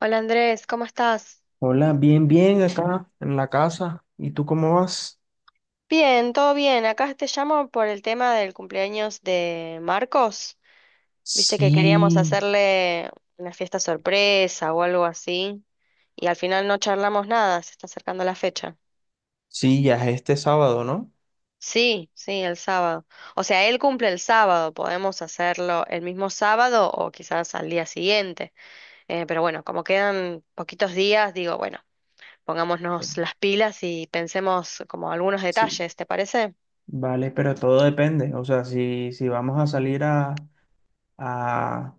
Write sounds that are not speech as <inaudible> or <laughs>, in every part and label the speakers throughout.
Speaker 1: Hola Andrés, ¿cómo estás?
Speaker 2: Hola, bien, bien acá en la casa. ¿Y tú cómo vas?
Speaker 1: Bien, todo bien. Acá te llamo por el tema del cumpleaños de Marcos. Viste que queríamos
Speaker 2: Sí,
Speaker 1: hacerle una fiesta sorpresa o algo así. Y al final no charlamos nada, se está acercando la fecha.
Speaker 2: sí, ya es este sábado, ¿no?
Speaker 1: Sí, sí, el sábado. O sea, él cumple el sábado, podemos hacerlo el mismo sábado o quizás al día siguiente. Pero bueno, como quedan poquitos días, digo, bueno, pongámonos las pilas y pensemos como algunos
Speaker 2: Sí.
Speaker 1: detalles, ¿te parece?
Speaker 2: Vale, pero todo depende. O sea, si vamos a salir a,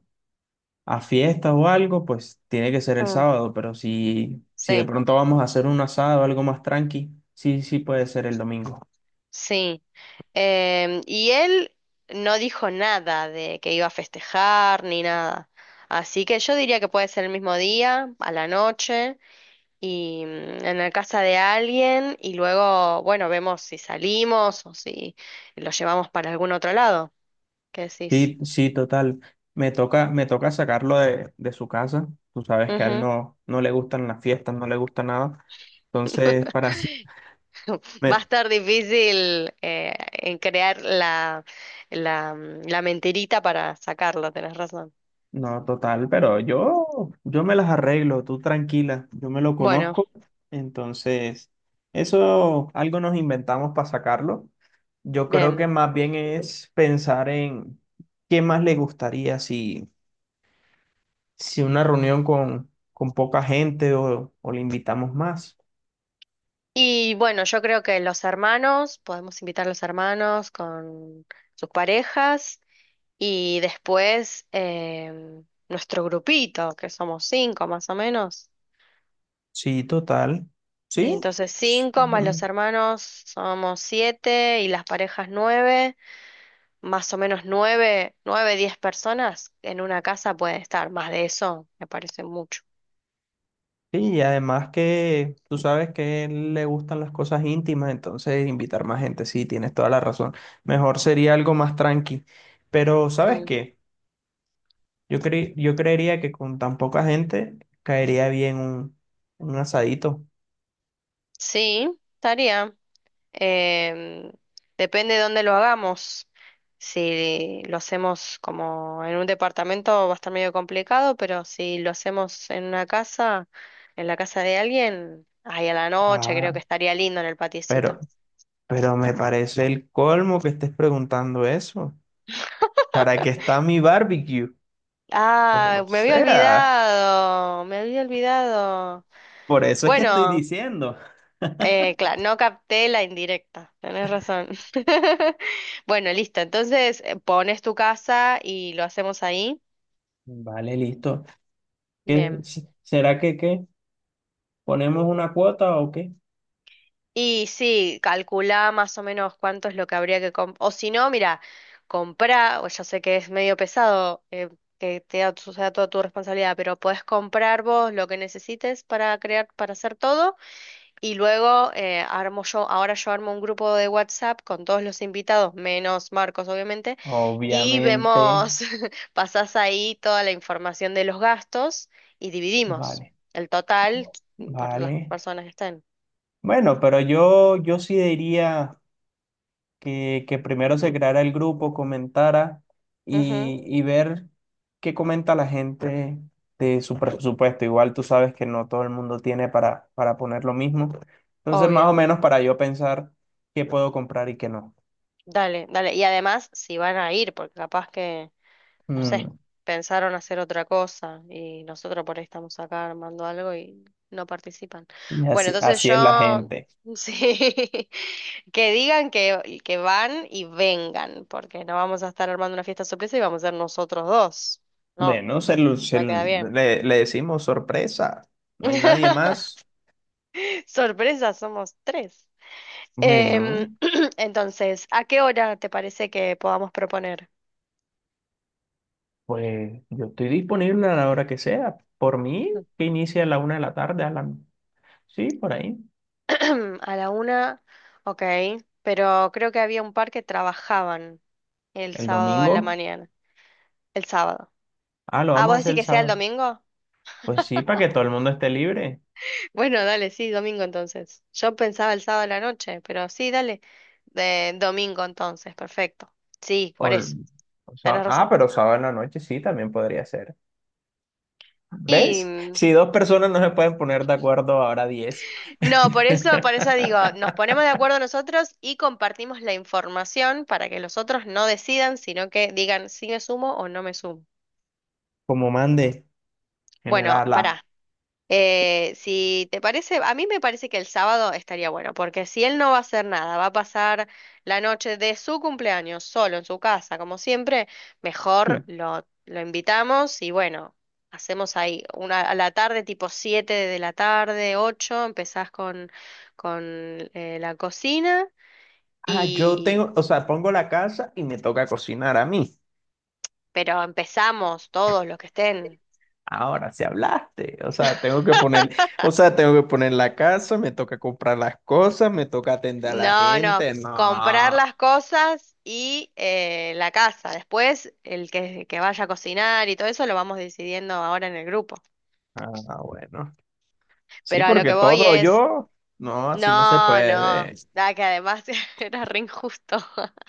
Speaker 2: a fiesta o algo, pues tiene que ser el
Speaker 1: Mm,
Speaker 2: sábado. Pero si de
Speaker 1: sí.
Speaker 2: pronto vamos a hacer un asado, algo más tranqui, sí, sí puede ser el domingo.
Speaker 1: Sí. Y él no dijo nada de que iba a festejar ni nada. Así que yo diría que puede ser el mismo día, a la noche, y en la casa de alguien, y luego, bueno, vemos si salimos o si lo llevamos para algún otro lado. ¿Qué decís?
Speaker 2: Sí, sí, total. Me toca sacarlo de su casa. Tú sabes que a él
Speaker 1: Ujú.
Speaker 2: no, no le gustan las fiestas, no le gusta nada. Entonces,
Speaker 1: <laughs>
Speaker 2: <laughs>
Speaker 1: Va
Speaker 2: Me-
Speaker 1: a estar difícil en crear la, la mentirita para sacarlo, tenés razón.
Speaker 2: No, total, pero yo me las arreglo, tú tranquila, yo me lo
Speaker 1: Bueno,
Speaker 2: conozco, entonces eso algo nos inventamos para sacarlo. Yo creo que
Speaker 1: bien.
Speaker 2: más bien es pensar en qué más le gustaría si una reunión con poca gente o le invitamos más.
Speaker 1: Y bueno, yo creo que los hermanos, podemos invitar a los hermanos con sus parejas y después em, nuestro grupito, que somos cinco más o menos.
Speaker 2: Sí, total.
Speaker 1: Y
Speaker 2: Sí,
Speaker 1: entonces cinco más los hermanos somos siete y las parejas nueve, más o menos nueve, nueve, 10 personas en una casa pueden estar, más de eso me parece mucho.
Speaker 2: sí, y además que tú sabes que él le gustan las cosas íntimas, entonces invitar más gente, sí, tienes toda la razón. Mejor sería algo más tranqui. Pero, ¿sabes
Speaker 1: Mm.
Speaker 2: qué? Yo creería que con tan poca gente caería bien un asadito.
Speaker 1: Sí, estaría. Em, Depende de dónde lo hagamos. Si lo hacemos como en un departamento va a estar medio complicado, pero si lo hacemos en una casa, en la casa de alguien, ahí a la noche creo
Speaker 2: Ah,
Speaker 1: que estaría lindo en el
Speaker 2: pero,
Speaker 1: patiecito.
Speaker 2: pero me parece el colmo que estés preguntando eso. ¿Para qué está mi barbecue? O
Speaker 1: Ah, me había
Speaker 2: sea,
Speaker 1: olvidado, me había olvidado.
Speaker 2: por eso es que estoy
Speaker 1: Bueno,
Speaker 2: diciendo.
Speaker 1: claro, no capté la indirecta, tenés razón. <laughs> Bueno, listo, entonces pones tu casa y lo hacemos ahí.
Speaker 2: Vale, listo. ¿Qué,
Speaker 1: Bien.
Speaker 2: será que qué? ¿Ponemos una cuota o qué?
Speaker 1: Y sí, calculá más o menos cuánto es lo que habría que comprar. O si no, mira, comprá, o ya sé que es medio pesado que te da sea toda tu responsabilidad, pero podés comprar vos lo que necesites para crear, para hacer todo. Y luego armo yo, ahora yo armo un grupo de WhatsApp con todos los invitados, menos Marcos, obviamente, y
Speaker 2: Obviamente,
Speaker 1: vemos, <laughs> pasás ahí toda la información de los gastos y dividimos
Speaker 2: vale,
Speaker 1: el total por las
Speaker 2: vale.
Speaker 1: personas que estén.
Speaker 2: Bueno, pero yo sí diría que primero se creara el grupo, comentara
Speaker 1: Ujú,
Speaker 2: y ver qué comenta la gente de su presupuesto. Igual tú sabes que no todo el mundo tiene para poner lo mismo. Entonces, más o
Speaker 1: obvio.
Speaker 2: menos para yo pensar qué puedo comprar y qué no.
Speaker 1: Dale, dale. Y además, si van a ir, porque capaz que, no sé,
Speaker 2: Mm,
Speaker 1: pensaron hacer otra cosa y nosotros por ahí estamos acá armando algo y no participan.
Speaker 2: y
Speaker 1: Bueno,
Speaker 2: así,
Speaker 1: entonces
Speaker 2: así es la
Speaker 1: yo,
Speaker 2: gente.
Speaker 1: <laughs> sí, que digan que van y vengan, porque no vamos a estar armando una fiesta sorpresa y vamos a ser nosotros dos. No,
Speaker 2: Bueno,
Speaker 1: no queda bien.
Speaker 2: le decimos sorpresa, no hay nadie
Speaker 1: <laughs>
Speaker 2: más.
Speaker 1: Sorpresa, somos tres. Em,
Speaker 2: Bueno,
Speaker 1: <clears throat> entonces, ¿a qué hora te parece que podamos proponer?
Speaker 2: pues yo estoy disponible a la hora que sea. Por mí, que inicie a la una de la tarde, a la. Sí, por ahí.
Speaker 1: <clears throat> A la una, ok, pero creo que había un par que trabajaban el
Speaker 2: El
Speaker 1: sábado a la
Speaker 2: domingo.
Speaker 1: mañana, el sábado.
Speaker 2: Ah, lo
Speaker 1: Ah,
Speaker 2: vamos a
Speaker 1: ¿vos
Speaker 2: hacer
Speaker 1: decís
Speaker 2: el
Speaker 1: que sea el
Speaker 2: sábado.
Speaker 1: domingo?
Speaker 2: Pues sí, para que todo el mundo esté libre.
Speaker 1: Bueno, dale, sí, domingo entonces. Yo pensaba el sábado a la noche, pero sí, dale, de domingo entonces, perfecto. Sí,
Speaker 2: O,
Speaker 1: por eso, tenés razón.
Speaker 2: pero sábado en la noche sí, también podría ser.
Speaker 1: Y
Speaker 2: ¿Ves?
Speaker 1: mm,
Speaker 2: Si dos personas no se pueden poner de acuerdo, ahora 10.
Speaker 1: no, por eso digo,
Speaker 2: <laughs>
Speaker 1: nos ponemos de acuerdo nosotros y compartimos la información para que los otros no decidan, sino que digan si me sumo o no me sumo.
Speaker 2: Como mande,
Speaker 1: Bueno,
Speaker 2: generala.
Speaker 1: pará. Si te parece, a mí me parece que el sábado estaría bueno, porque si él no va a hacer nada, va a pasar la noche de su cumpleaños solo en su casa, como siempre, mejor lo invitamos y bueno, hacemos ahí una a la tarde, tipo 7 de la tarde, 8 empezás con la cocina
Speaker 2: Ah, yo tengo,
Speaker 1: y...
Speaker 2: o sea, pongo la casa y me toca cocinar a mí.
Speaker 1: Pero empezamos todos los que estén.
Speaker 2: Ahora sí hablaste. O sea, tengo que poner, o sea, tengo que poner la casa, me toca comprar las cosas, me toca atender a la
Speaker 1: No, no,
Speaker 2: gente. No.
Speaker 1: comprar
Speaker 2: Ah,
Speaker 1: las cosas y la casa. Después, el que vaya a cocinar y todo eso lo vamos decidiendo ahora en el grupo.
Speaker 2: bueno. Sí,
Speaker 1: Pero a lo
Speaker 2: porque
Speaker 1: que voy
Speaker 2: todo
Speaker 1: es,
Speaker 2: yo, no, así no se
Speaker 1: no, no,
Speaker 2: puede.
Speaker 1: da que además <laughs> era re injusto. <laughs>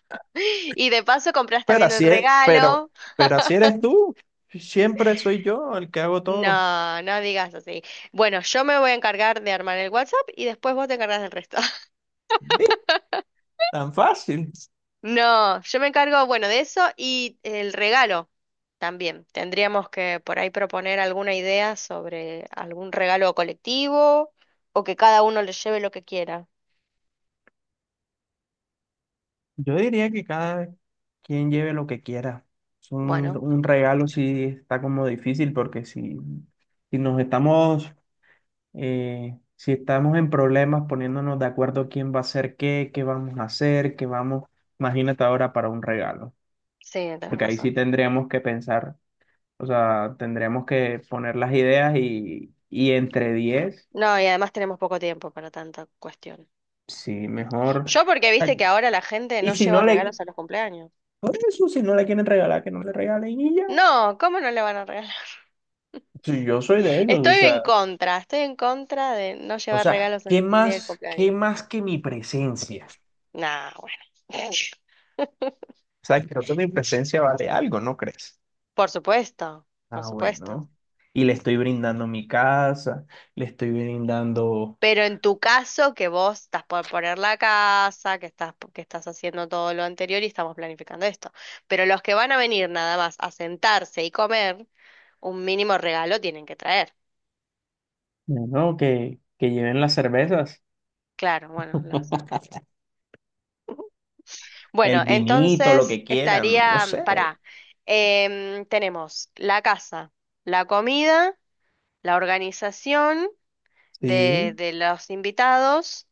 Speaker 1: Y de paso compras
Speaker 2: Pero
Speaker 1: también el
Speaker 2: así es,
Speaker 1: regalo.
Speaker 2: pero así eres tú. Siempre soy yo el que hago todo.
Speaker 1: No, no digas así. Bueno, yo me voy a encargar de armar el WhatsApp y después vos te encargas del resto.
Speaker 2: ¿Ves? Tan fácil.
Speaker 1: No, yo me encargo, bueno, de eso y el regalo también. Tendríamos que por ahí proponer alguna idea sobre algún regalo colectivo o que cada uno le lleve lo que quiera.
Speaker 2: Yo diría que cada quien lleve lo que quiera. Es
Speaker 1: Bueno,
Speaker 2: un regalo sí está como difícil porque si nos estamos, si estamos en problemas poniéndonos de acuerdo quién va a hacer qué, qué vamos a hacer, qué vamos, imagínate ahora para un regalo,
Speaker 1: sí, tenés
Speaker 2: porque ahí sí
Speaker 1: razón.
Speaker 2: tendríamos que pensar, o sea, tendríamos que poner las ideas y entre 10
Speaker 1: No, y además tenemos poco tiempo para tanta cuestión.
Speaker 2: sí, mejor.
Speaker 1: Yo porque viste que ahora la gente
Speaker 2: Y
Speaker 1: no lleva regalos a los cumpleaños.
Speaker 2: por eso, si no le quieren regalar, que no le regalen y ya.
Speaker 1: No, ¿cómo no le van a regalar? <laughs>
Speaker 2: Sí, yo soy de ellos, o sea,
Speaker 1: Estoy en contra de no llevar regalos en el día del
Speaker 2: qué
Speaker 1: cumpleaños.
Speaker 2: más que mi presencia?
Speaker 1: Nah, bueno. <laughs>
Speaker 2: O sea, creo que mi presencia vale algo, ¿no crees?
Speaker 1: Por supuesto, por
Speaker 2: Ah,
Speaker 1: supuesto.
Speaker 2: bueno. Y le estoy brindando mi casa, le estoy brindando,
Speaker 1: Pero en tu caso, que vos estás por poner la casa, que estás haciendo todo lo anterior y estamos planificando esto. Pero los que van a venir nada más a sentarse y comer, un mínimo regalo tienen que traer.
Speaker 2: bueno, que lleven las cervezas,
Speaker 1: Claro, bueno, los.
Speaker 2: <laughs> el
Speaker 1: Bueno,
Speaker 2: vinito, lo
Speaker 1: entonces
Speaker 2: que quieran, no
Speaker 1: estaría,
Speaker 2: sé.
Speaker 1: para tenemos la casa, la comida, la organización de,
Speaker 2: Sí,
Speaker 1: de los invitados.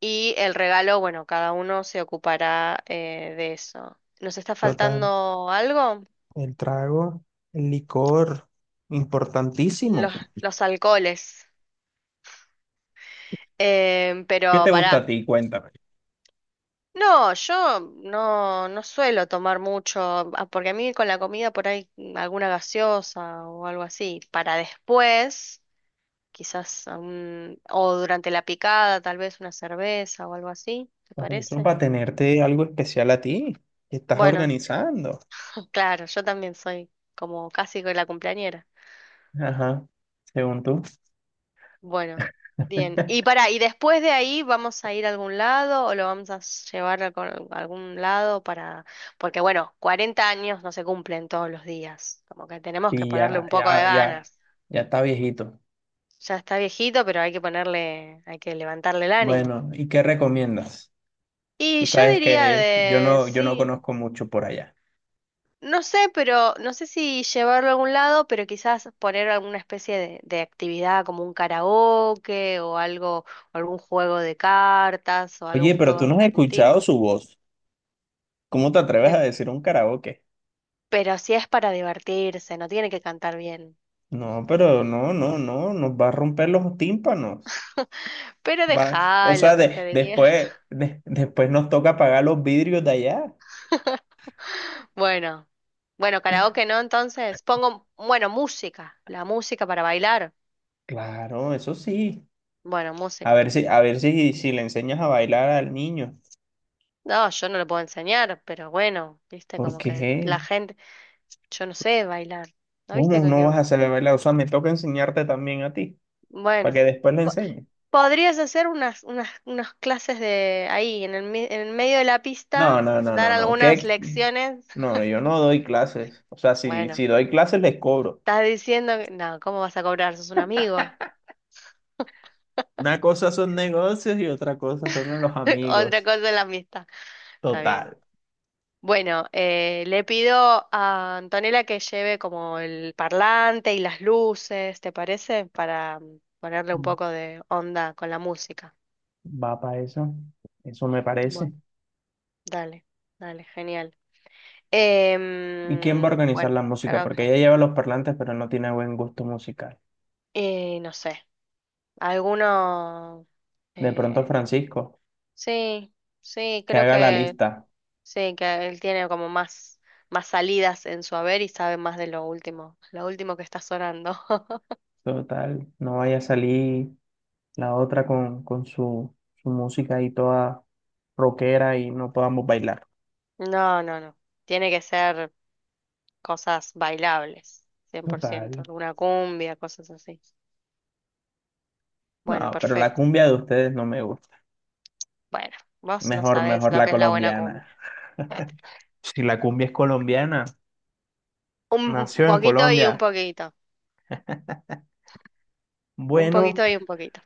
Speaker 1: Y el regalo, bueno, cada uno se ocupará de eso. ¿Nos está
Speaker 2: total.
Speaker 1: faltando algo?
Speaker 2: El trago, el licor, importantísimo.
Speaker 1: Los, los alcoholes.
Speaker 2: ¿Qué
Speaker 1: Pero
Speaker 2: te gusta
Speaker 1: pará.
Speaker 2: a ti? Cuéntame.
Speaker 1: No, yo no suelo tomar mucho. Porque a mí con la comida por ahí alguna gaseosa o algo así, para después, quizás, o durante la picada, tal vez una cerveza o algo así, ¿te
Speaker 2: Por eso,
Speaker 1: parece?
Speaker 2: para tenerte algo especial a ti, que estás
Speaker 1: Bueno,
Speaker 2: organizando.
Speaker 1: <laughs> claro, yo también soy como casi con la cumpleañera.
Speaker 2: Ajá, según tú.
Speaker 1: Bueno, bien.
Speaker 2: <laughs>
Speaker 1: Y para, ¿y después de ahí vamos a ir a algún lado o lo vamos a llevar a algún lado para... Porque bueno, 40 años no se cumplen todos los días. Como que tenemos que
Speaker 2: Y
Speaker 1: ponerle
Speaker 2: ya,
Speaker 1: un poco de
Speaker 2: ya, ya,
Speaker 1: ganas.
Speaker 2: ya está viejito.
Speaker 1: Ya está viejito, pero hay que ponerle, hay que levantarle el ánimo.
Speaker 2: Bueno, ¿y qué recomiendas?
Speaker 1: Y
Speaker 2: Tú
Speaker 1: yo
Speaker 2: sabes
Speaker 1: diría
Speaker 2: que
Speaker 1: de,
Speaker 2: yo no
Speaker 1: sí.
Speaker 2: conozco mucho por allá.
Speaker 1: No sé, pero no sé si llevarlo a algún lado, pero quizás poner alguna especie de actividad como un karaoke o algo, o algún juego de cartas o
Speaker 2: Oye,
Speaker 1: algún
Speaker 2: pero tú
Speaker 1: juego
Speaker 2: no
Speaker 1: de
Speaker 2: has
Speaker 1: algún
Speaker 2: escuchado
Speaker 1: tipo.
Speaker 2: su voz. ¿Cómo te atreves a
Speaker 1: ¿Qué?
Speaker 2: decir un karaoke?
Speaker 1: Pero si es para divertirse, no tiene que cantar bien.
Speaker 2: No, pero no, no, no, nos va a romper los tímpanos.
Speaker 1: <laughs> Pero
Speaker 2: Va, o
Speaker 1: déjalo
Speaker 2: sea,
Speaker 1: que se divierta.
Speaker 2: después nos toca pagar los vidrios de allá.
Speaker 1: <laughs> Bueno, bueno, karaoke no, entonces pongo, bueno, música, la música para bailar.
Speaker 2: Claro, eso sí.
Speaker 1: Bueno,
Speaker 2: A
Speaker 1: música.
Speaker 2: ver si, a ver si, si le enseñas a bailar al niño.
Speaker 1: No, yo no lo puedo enseñar, pero bueno, viste,
Speaker 2: ¿Por
Speaker 1: como que la
Speaker 2: qué?
Speaker 1: gente. Yo no sé bailar. ¿No viste?
Speaker 2: ¿Cómo no vas a saber bailar? O sea, me toca enseñarte también a ti, para
Speaker 1: Bueno,
Speaker 2: que después le
Speaker 1: po-
Speaker 2: enseñes.
Speaker 1: podrías hacer unas clases de ahí, en el medio de la pista,
Speaker 2: No, no, no, no,
Speaker 1: dar
Speaker 2: no.
Speaker 1: algunas
Speaker 2: ¿Qué?
Speaker 1: lecciones. <laughs>
Speaker 2: No, yo no doy clases. O sea,
Speaker 1: Bueno,
Speaker 2: si doy clases les cobro.
Speaker 1: estás diciendo que, no, ¿cómo vas a cobrar? Sos un amigo.
Speaker 2: Una cosa son negocios y otra cosa son los
Speaker 1: <laughs> Otra
Speaker 2: amigos.
Speaker 1: cosa es la amistad. Está bien.
Speaker 2: Total.
Speaker 1: Bueno, le pido a Antonella que lleve como el parlante y las luces, ¿te parece? Para ponerle un poco de onda con la música.
Speaker 2: Va para eso. Eso me parece.
Speaker 1: Bueno, dale, dale, genial.
Speaker 2: ¿Y quién va a organizar
Speaker 1: Bueno,
Speaker 2: la música?
Speaker 1: creo que...
Speaker 2: Porque ella lleva los parlantes, pero no tiene buen gusto musical.
Speaker 1: no sé, alguno...
Speaker 2: De pronto
Speaker 1: eh,
Speaker 2: Francisco,
Speaker 1: sí, sí,
Speaker 2: que
Speaker 1: creo
Speaker 2: haga la
Speaker 1: que
Speaker 2: lista.
Speaker 1: sí, que él tiene como más salidas en su haber y sabe más de lo último que está sonando. <laughs>
Speaker 2: Total, no vaya a salir la otra con su música ahí toda rockera y no podamos bailar.
Speaker 1: No, no, no. Tiene que ser cosas bailables, 100%
Speaker 2: Total.
Speaker 1: alguna cumbia, cosas así. Bueno,
Speaker 2: No, pero la
Speaker 1: perfecto.
Speaker 2: cumbia de ustedes no me gusta.
Speaker 1: Bueno, vos no
Speaker 2: Mejor,
Speaker 1: sabés
Speaker 2: mejor
Speaker 1: lo
Speaker 2: la
Speaker 1: que es la buena cumbia.
Speaker 2: colombiana. Si la cumbia es colombiana,
Speaker 1: Un
Speaker 2: nació en
Speaker 1: poquito y un
Speaker 2: Colombia.
Speaker 1: poquito. Un
Speaker 2: Bueno,
Speaker 1: poquito y un poquito.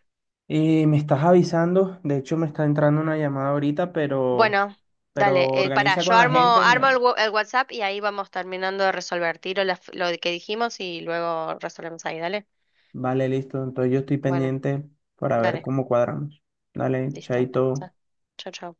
Speaker 2: me estás avisando. De hecho, me está entrando una llamada ahorita,
Speaker 1: Bueno, dale,
Speaker 2: pero
Speaker 1: pará,
Speaker 2: organiza
Speaker 1: yo
Speaker 2: con la
Speaker 1: armo,
Speaker 2: gente y
Speaker 1: armo
Speaker 2: me.
Speaker 1: el WhatsApp y ahí vamos terminando de resolver. Tiro lo que dijimos y luego resolvemos ahí, dale.
Speaker 2: Vale, listo. Entonces yo estoy
Speaker 1: Bueno,
Speaker 2: pendiente para ver
Speaker 1: dale,
Speaker 2: cómo cuadramos. Dale,
Speaker 1: listo.
Speaker 2: chaito.
Speaker 1: Chao, chao.